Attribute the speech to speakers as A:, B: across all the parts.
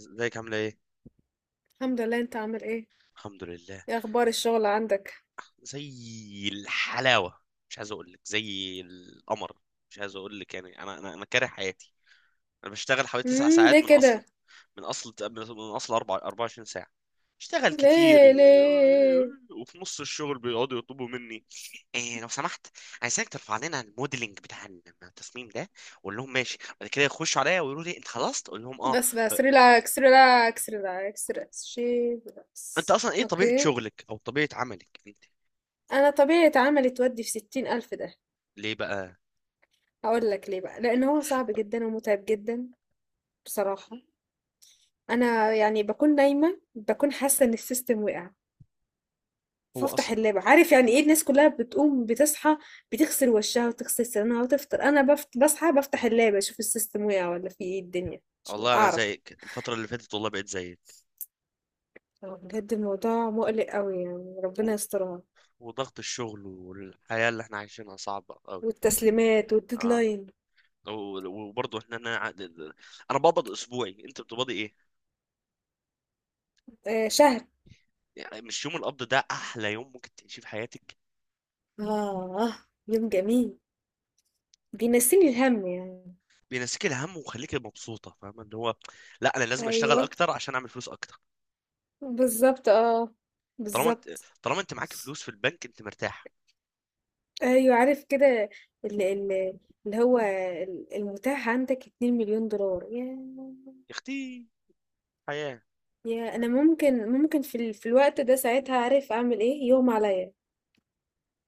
A: ازيك؟ عامله ايه؟
B: الحمد لله، انت عامل ايه؟
A: الحمد لله.
B: ايه اخبار الشغل عندك؟
A: زي الحلاوه. مش عايز اقول لك زي القمر. مش عايز اقول لك، يعني انا كاره حياتي. انا بشتغل حوالي تسع
B: ليه
A: ساعات من اصل
B: كده؟
A: من اصل من 4 24 ساعه. اشتغل كتير.
B: ليه؟
A: وفي نص الشغل بيقعدوا يطلبوا مني، إيه لو سمحت، عايزك ترفع لنا الموديلنج بتاع التصميم ده. واقول لهم ماشي. بعد كده يخشوا عليا ويقولوا لي انت خلصت، اقول لهم اه.
B: بس
A: ف-
B: بس، ريلاكس ريلاكس ريلاكس ريلاكس، شي
A: انت
B: ريلاكس.
A: اصلا ايه طبيعه
B: اوكي.
A: شغلك او طبيعه عملك انت؟
B: انا طبيعة عملي تودي في 60 الف ده.
A: ليه بقى؟
B: هقول لك ليه بقى، لان هو صعب جدا ومتعب جدا، بصراحة. انا يعني بكون نايمة، بكون حاسة ان السيستم وقع،
A: هو،
B: فافتح اللاب، عارف يعني ايه الناس كلها بتقوم بتصحى بتغسل وشها وتغسل سنانها وتفطر. انا بصحى بفتح اللاب اشوف السيستم وقع ولا في ايه الدنيا عشان
A: والله انا
B: اعرف.
A: زيك الفتره اللي فاتت، والله بقيت زيك.
B: هو بجد الموضوع مقلق قوي يعني،
A: و...
B: ربنا يسترها.
A: وضغط الشغل والحياه اللي احنا عايشينها صعبه قوي.
B: والتسليمات
A: اه.
B: والديدلاين.
A: وبرضه احنا، انا بقبض اسبوعي، انت بتقبضي ايه؟
B: آه، شهر.
A: يعني مش يوم القبض ده احلى يوم ممكن تعيشيه في حياتك؟
B: اه، يوم جميل، بينسيني الهم يعني.
A: بينسيك الهم ويخليك مبسوطه، فاهمه اللي هو. لا، انا لازم اشتغل
B: ايوه،
A: اكتر عشان اعمل فلوس اكتر.
B: بالظبط، اه،
A: طالما انت
B: بالظبط.
A: طالما انت معاك فلوس في البنك انت مرتاح.
B: ايوه، عارف كده، اللي, اللي هو المتاح عندك 2 مليون دولار ياه.
A: يا اختي، حياه.
B: يا انا ممكن في الوقت ده ساعتها عارف اعمل ايه يوم عليا.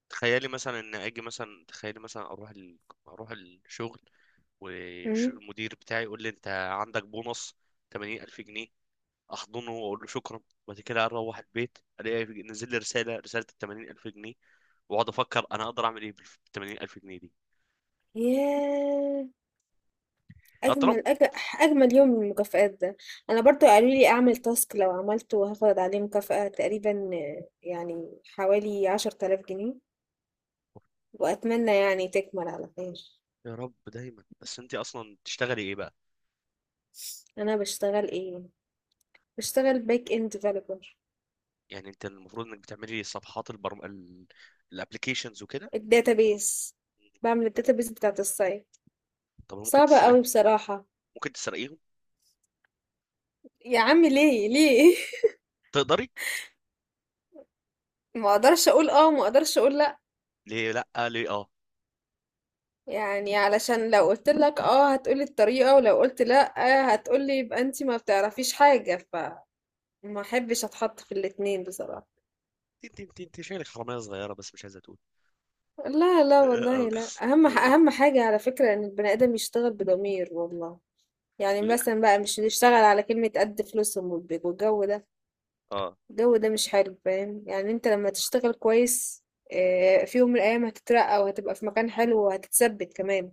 A: تخيلي مثلا ان اجي، مثلا تخيلي مثلا اروح اروح الشغل،
B: امم
A: والمدير بتاعي يقول لي انت عندك بونص 80 الف جنيه. احضنه واقول له شكرا. وبعد كده اروح البيت، الاقي نزل لي رساله، ال 80 الف جنيه. واقعد افكر انا اقدر اعمل ايه بال 80 الف جنيه دي.
B: ياه،
A: اطلع.
B: اجمل اجمل يوم من المكافآت ده. انا برضو قالوا لي اعمل تاسك، لو عملته هاخد عليه مكافأة تقريبا، آه، يعني حوالي 10 آلاف جنيه، واتمنى يعني تكمل على خير.
A: يا رب دايما. بس انت اصلا بتشتغلي ايه بقى؟
B: انا بشتغل ايه؟ بشتغل باك اند ديفلوبر.
A: يعني انت المفروض انك بتعملي صفحات الابليكيشنز وكده؟
B: الداتابيس، بعمل الداتابيس بتاعت السايت.
A: طب ممكن
B: صعبة
A: تسرقي؟
B: قوي بصراحة.
A: ممكن تسرقيهم؟
B: يا عم ليه ليه
A: تقدري.
B: ما اقدرش اقول اه، ما اقدرش اقول لا.
A: ليه لا؟ ليه اه؟
B: يعني علشان لو قلت لك اه هتقولي الطريقة، ولو قلت لا هتقولي يبقى انتي ما بتعرفيش حاجة، فما احبش اتحط في الاتنين بصراحة.
A: انت شايلك حرامية صغيرة بس مش عايزة تقول.
B: لا لا والله لا، اهم حاجة على فكرة ان البني ادم يشتغل بضمير، والله. يعني مثلا بقى مش نشتغل على كلمة قد فلوسهم والجو ده.
A: اه.
B: الجو ده مش حلو فاهم يعني. انت لما تشتغل كويس، آه، في يوم من الايام هتترقى وهتبقى في مكان حلو وهتتثبت كمان.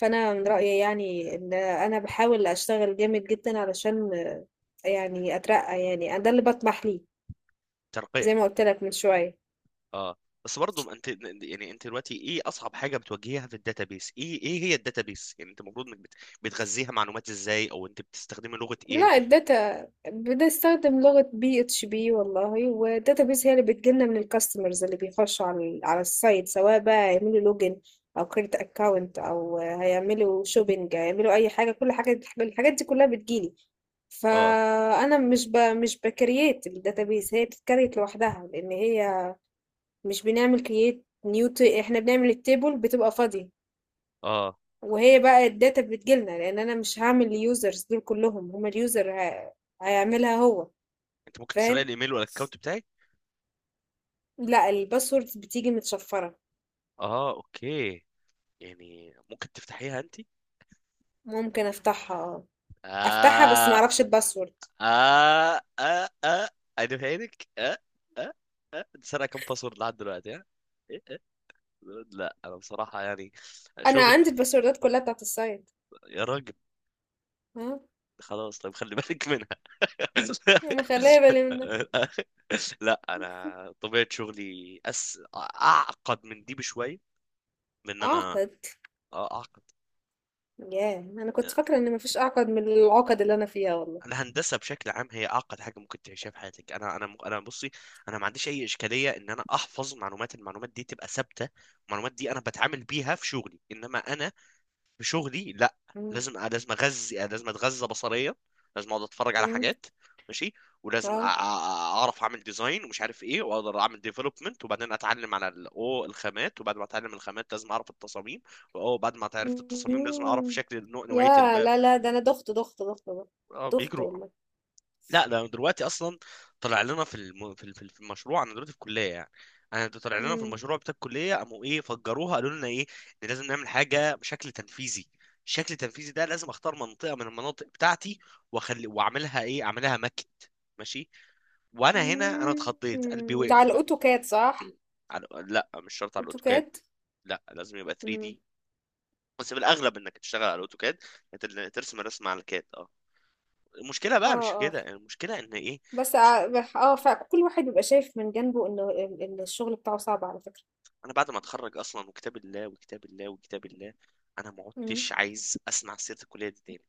B: فانا من رايي يعني ان انا بحاول اشتغل جامد جدا علشان يعني اترقى، يعني ده اللي بطمح ليه.
A: ترقيع.
B: زي ما قلت لك من شويه.
A: اه. بس برضه انت، يعني انت دلوقتي ايه اصعب حاجه بتواجهها في الداتابيس؟ ايه ايه هي الداتابيس؟ يعني انت المفروض انك بتغذيها معلومات ازاي؟ او انت بتستخدمي لغه ايه؟
B: لا، الداتا بنستخدم لغه بي اتش بي والله، والداتا بيز هي اللي بتجيلنا من الكاستمرز اللي بيخشوا على السايت، سواء بقى هيعملوا لوجن او كريت اكاونت او هيعملوا شوبينج، هيعملوا اي حاجه، كل حاجه الحاجات دي كلها بتجيلي.
A: اه.
B: فانا مش بكرييت الداتابيز، هي بتتكريت لوحدها لان هي مش بنعمل كرييت نيو. احنا بنعمل التيبل بتبقى فاضية،
A: اه.
B: وهي بقى الداتا بتجيلنا، لان انا مش هعمل ليوزرز دول كلهم، هما اليوزر هيعملها هو.
A: انت ممكن تسرقي
B: فاهم.
A: الايميل والاكونت بتاعي؟
B: لا، الباسورد بتيجي متشفرة.
A: اه، اوكي. يعني ممكن تفتحيها انت؟
B: ممكن افتحها اه، افتحها بس ما
A: اه
B: اعرفش الباسورد.
A: اه اه، انا فاهمك. اه اه. اه، انت سرقه كام باسورد لحد دلوقتي؟ ها؟ لا، انا بصراحه يعني،
B: انا
A: شغلي.
B: عندي الباسوردات كلها بتاعت السايت.
A: يا راجل.
B: ها.
A: خلاص، طيب، خلي بالك منها.
B: مخليه بالي منها.
A: لا، انا طبيعه شغلي اعقد من دي بشويه. من ان انا،
B: اعقد.
A: آه، اعقد.
B: ياه، انا كنت فاكرة ان مفيش اعقد من العقد اللي انا فيها، والله.
A: الهندسه بشكل عام هي اعقد حاجه ممكن تعيشها في حياتك. انا بصي، انا ما عنديش اي اشكاليه ان انا احفظ معلومات. المعلومات دي تبقى ثابته. المعلومات دي انا بتعامل بيها في شغلي. انما انا بشغلي لا.
B: مم.
A: لازم اغذي، لازم اتغذى بصريا. لازم اقعد اتفرج على
B: مم.
A: حاجات. ماشي. ولازم
B: اه.
A: اعرف اعمل ديزاين ومش عارف ايه، واقدر اعمل ديفلوبمنت، وبعدين اتعلم على الخامات، وبعد ما اتعلم الخامات لازم اعرف التصاميم. وبعد ما عرفت التصاميم لازم اعرف
B: إمم.
A: شكل نوعية
B: ياه!
A: الباب.
B: لا، لا، ده أنا دُخت، دُخت، دُخت، دُخت،
A: اه،
B: دُخت
A: بيجروا.
B: والله.
A: لا ده دلوقتي اصلا طلع لنا في المشروع. انا دلوقتي في الكليه يعني. انا ده طلع لنا في
B: إمم.
A: المشروع بتاع الكليه، قاموا ايه، فجروها، قالوا لنا ايه، ان لازم نعمل حاجه بشكل تنفيذي. الشكل التنفيذي ده لازم اختار منطقه من المناطق بتاعتي، واعملها ايه، اعملها ماكت. ماشي. وانا هنا انا اتخضيت، قلبي
B: إمم. ده على
A: وقف بقى.
B: الأوتوكاد صح؟
A: لا، مش شرط على الاوتوكاد.
B: أوتوكاد؟
A: لا، لازم يبقى 3
B: إمم.
A: دي. بس في الاغلب انك تشتغل على الاوتوكاد. ترسم الرسمه على الكاد. اه. المشكله
B: آه،
A: بقى مش في
B: آه.
A: كده. المشكله ان ايه،
B: بس ع بح آه، فكل واحد بيبقى شايف من جنبه إنه ال ال الشغل بتاعه صعب على فكرة.
A: انا بعد ما اتخرج اصلا، وكتاب الله انا ما
B: إمم.
A: عدتش عايز اسمع سيره الكليه دي تاني.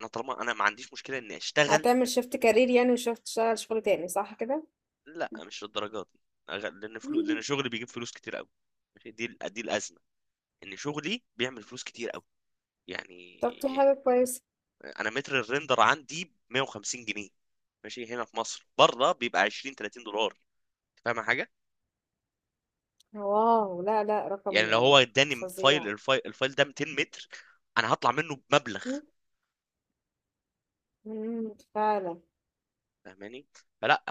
A: انا طالما انا ما عنديش مشكله اني اشتغل.
B: هتعمل shift career يعني وشوف تشتغل شغل تاني صح كده؟
A: لا، مش للدرجه دي. لان شغلي بيجيب فلوس كتير قوي. ماشي. دي الازمه، ان شغلي بيعمل فلوس كتير قوي.
B: طب دي
A: يعني
B: حاجة كويسة.
A: انا متر الريندر عندي ب 150 جنيه، ماشي، هنا في مصر. بره بيبقى 20 30 دولار. فاهم حاجه؟
B: واو! لا، لا، رقم
A: يعني لو هو اداني فايل،
B: فظيع.
A: الفايل ده 200 متر، انا هطلع منه بمبلغ.
B: إمم. إمم، فعلًا.
A: فاهماني؟ فلا،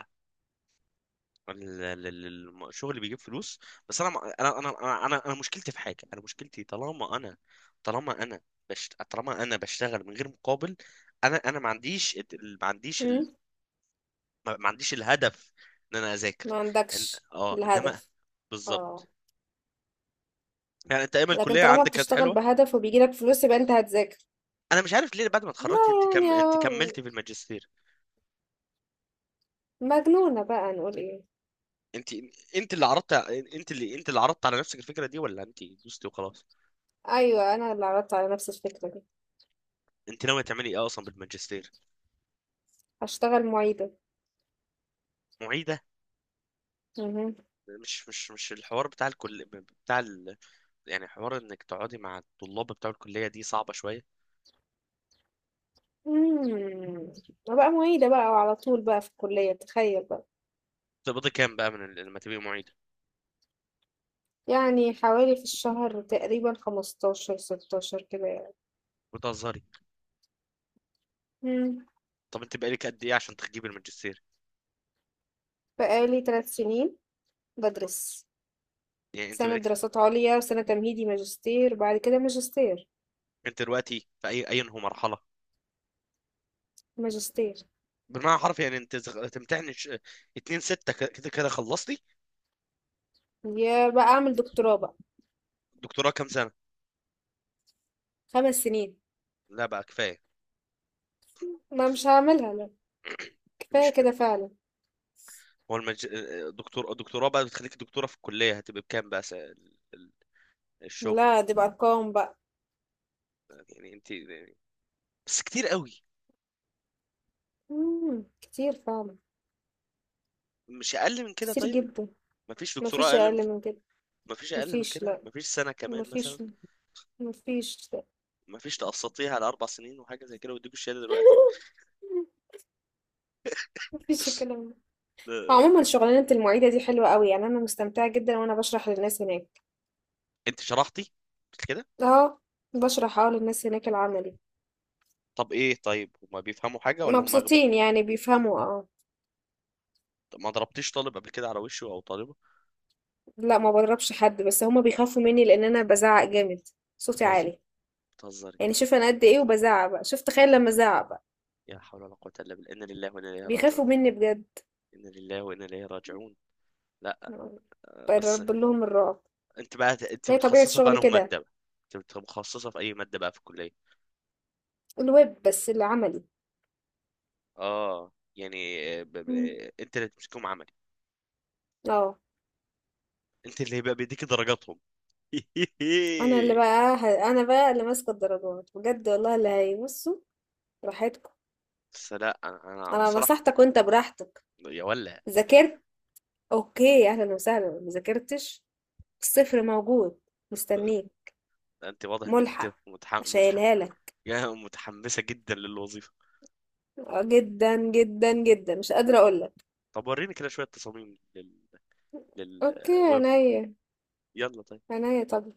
A: الشغل اللي بيجيب فلوس، بس انا أنا مشكلتي في حاجه. انا مشكلتي، طالما انا طالما انا بشتغل من غير مقابل، انا ما عنديش ما عنديش
B: إمم.
A: ما عنديش الهدف ان انا اذاكر.
B: ما
A: إن...
B: عندكش
A: اه، انما،
B: الهدف. آه.
A: بالظبط. يعني انت ايام
B: لكن
A: الكليه
B: طالما
A: عندك كانت
B: بتشتغل
A: حلوه.
B: بهدف وبيجيلك فلوس يبقى انت هتذاكر.
A: انا مش عارف ليه بعد ما
B: لا.
A: اتخرجت. انت انت
B: يعني
A: كملتي في الماجستير؟
B: مجنونة بقى نقول ايه.
A: انت انت اللي عرضت على نفسك الفكره دي، ولا انت دوستي وخلاص؟
B: ايوه انا اللي عرضت على نفس الفكرة دي.
A: انت ناويه تعملي ايه اصلا بالماجستير؟
B: هشتغل معيدة.
A: معيده.
B: مهم.
A: مش الحوار بتاع الكل، بتاع ال... يعني حوار انك تقعدي مع الطلاب بتاع الكليه دي صعبه شويه.
B: مم. بقى معيدة بقى وعلى طول بقى في الكلية تخيل بقى.
A: تقبضي كام بقى لما تبقي معيده؟
B: يعني حوالي في الشهر تقريبا 15 16 كده يعني.
A: بتهزري.
B: مم.
A: طب انت بقالك قد ايه عشان تجيبي الماجستير؟
B: بقالي 3 سنين بدرس،
A: يعني انت
B: سنة
A: بقالك،
B: دراسات عليا وسنة تمهيدي ماجستير بعد كده ماجستير.
A: انت دلوقتي في اي اينه مرحله؟
B: ماجستير.
A: بالمعنى الحرفي يعني انت 2 6 كده كده خلصتي.
B: يا بقى اعمل دكتوراه بقى.
A: دكتوراه كام سنه؟
B: 5 سنين.
A: لا بقى كفايه.
B: ما مش هعملها لا. كفاية
A: مش
B: كده
A: كده.
B: فعلا.
A: هو المج... دكتور الدكتوراه بقى بتخليك دكتوره في الكليه، هتبقى بكام بقى؟ الشغل.
B: لا دي بأرقام بقى.
A: يعني انت يعني، بس كتير قوي.
B: مم. كتير فعلا.
A: مش اقل من كده
B: كتير
A: طيب؟
B: جدا.
A: مفيش دكتوراه
B: مفيش
A: اقل من
B: أقل
A: كده؟
B: من كده.
A: مفيش اقل من
B: مفيش
A: كده؟
B: لا.
A: مفيش سنه كمان مثلا؟
B: مفيش. مفيش لا.
A: مفيش تقسطيها على اربع سنين وحاجه زي كده ويديكوا الشهاده دلوقتي؟
B: مفيش الكلام ده.
A: لا.
B: عموما شغلانة المعيدة دي حلوة قوي يعني، أنا مستمتعة جدا وأنا بشرح للناس هناك.
A: انت شرحتي، قلت كده.
B: اه، بشرح اه للناس هناك العملي.
A: طب ايه طيب، هما بيفهموا حاجه ولا هما اغبياء؟
B: مبسوطين يعني، بيفهموا اه.
A: طب ما ضربتيش طالب قبل كده على وشه او طالبه؟
B: لا ما بضربش حد، بس هما بيخافوا مني لأن أنا بزعق جامد. صوتي
A: بتهزر
B: عالي.
A: بتهزري
B: يعني شوف انا قد ايه وبزعق بقى، شوف تخيل لما ازعق بقى.
A: يا حول ولا قوه الا بالله، انا لله وانا اليه راجعون.
B: بيخافوا مني بجد.
A: انا لله وانا اليه راجعون. لا. آه، بس.
B: برب لهم الرعب.
A: انت بقى انت
B: هي طبيعة
A: متخصصه في
B: شغلي
A: انه
B: كده.
A: ماده بقى؟ انت متخصصه في اي ماده بقى في الكليه؟
B: الويب بس اللي عملي.
A: اه، يعني، آه،
B: مم.
A: انت اللي تمسكهم عملي؟
B: اه.
A: انت اللي هيبقى بيديك درجاتهم.
B: انا بقى اللي ماسكه الدرجات بجد، والله اللي هيبصوا راحتكم.
A: بس لا انا، انا
B: انا
A: بصراحه.
B: نصحتك وانت براحتك.
A: يا ولا. يا،
B: ذاكرت. اوكي اهلا وسهلا. ما ذاكرتش. الصفر موجود. مستنيك.
A: انت واضح انك انت
B: ملحق. هشيلها لك.
A: يا متحمسه جدا للوظيفه.
B: آه، جدا جدا جدا مش قادره اقول لك.
A: طب وريني كده شويه تصاميم
B: اوكي،
A: للويب.
B: عينيا.
A: يلا طيب.
B: عينيا طب.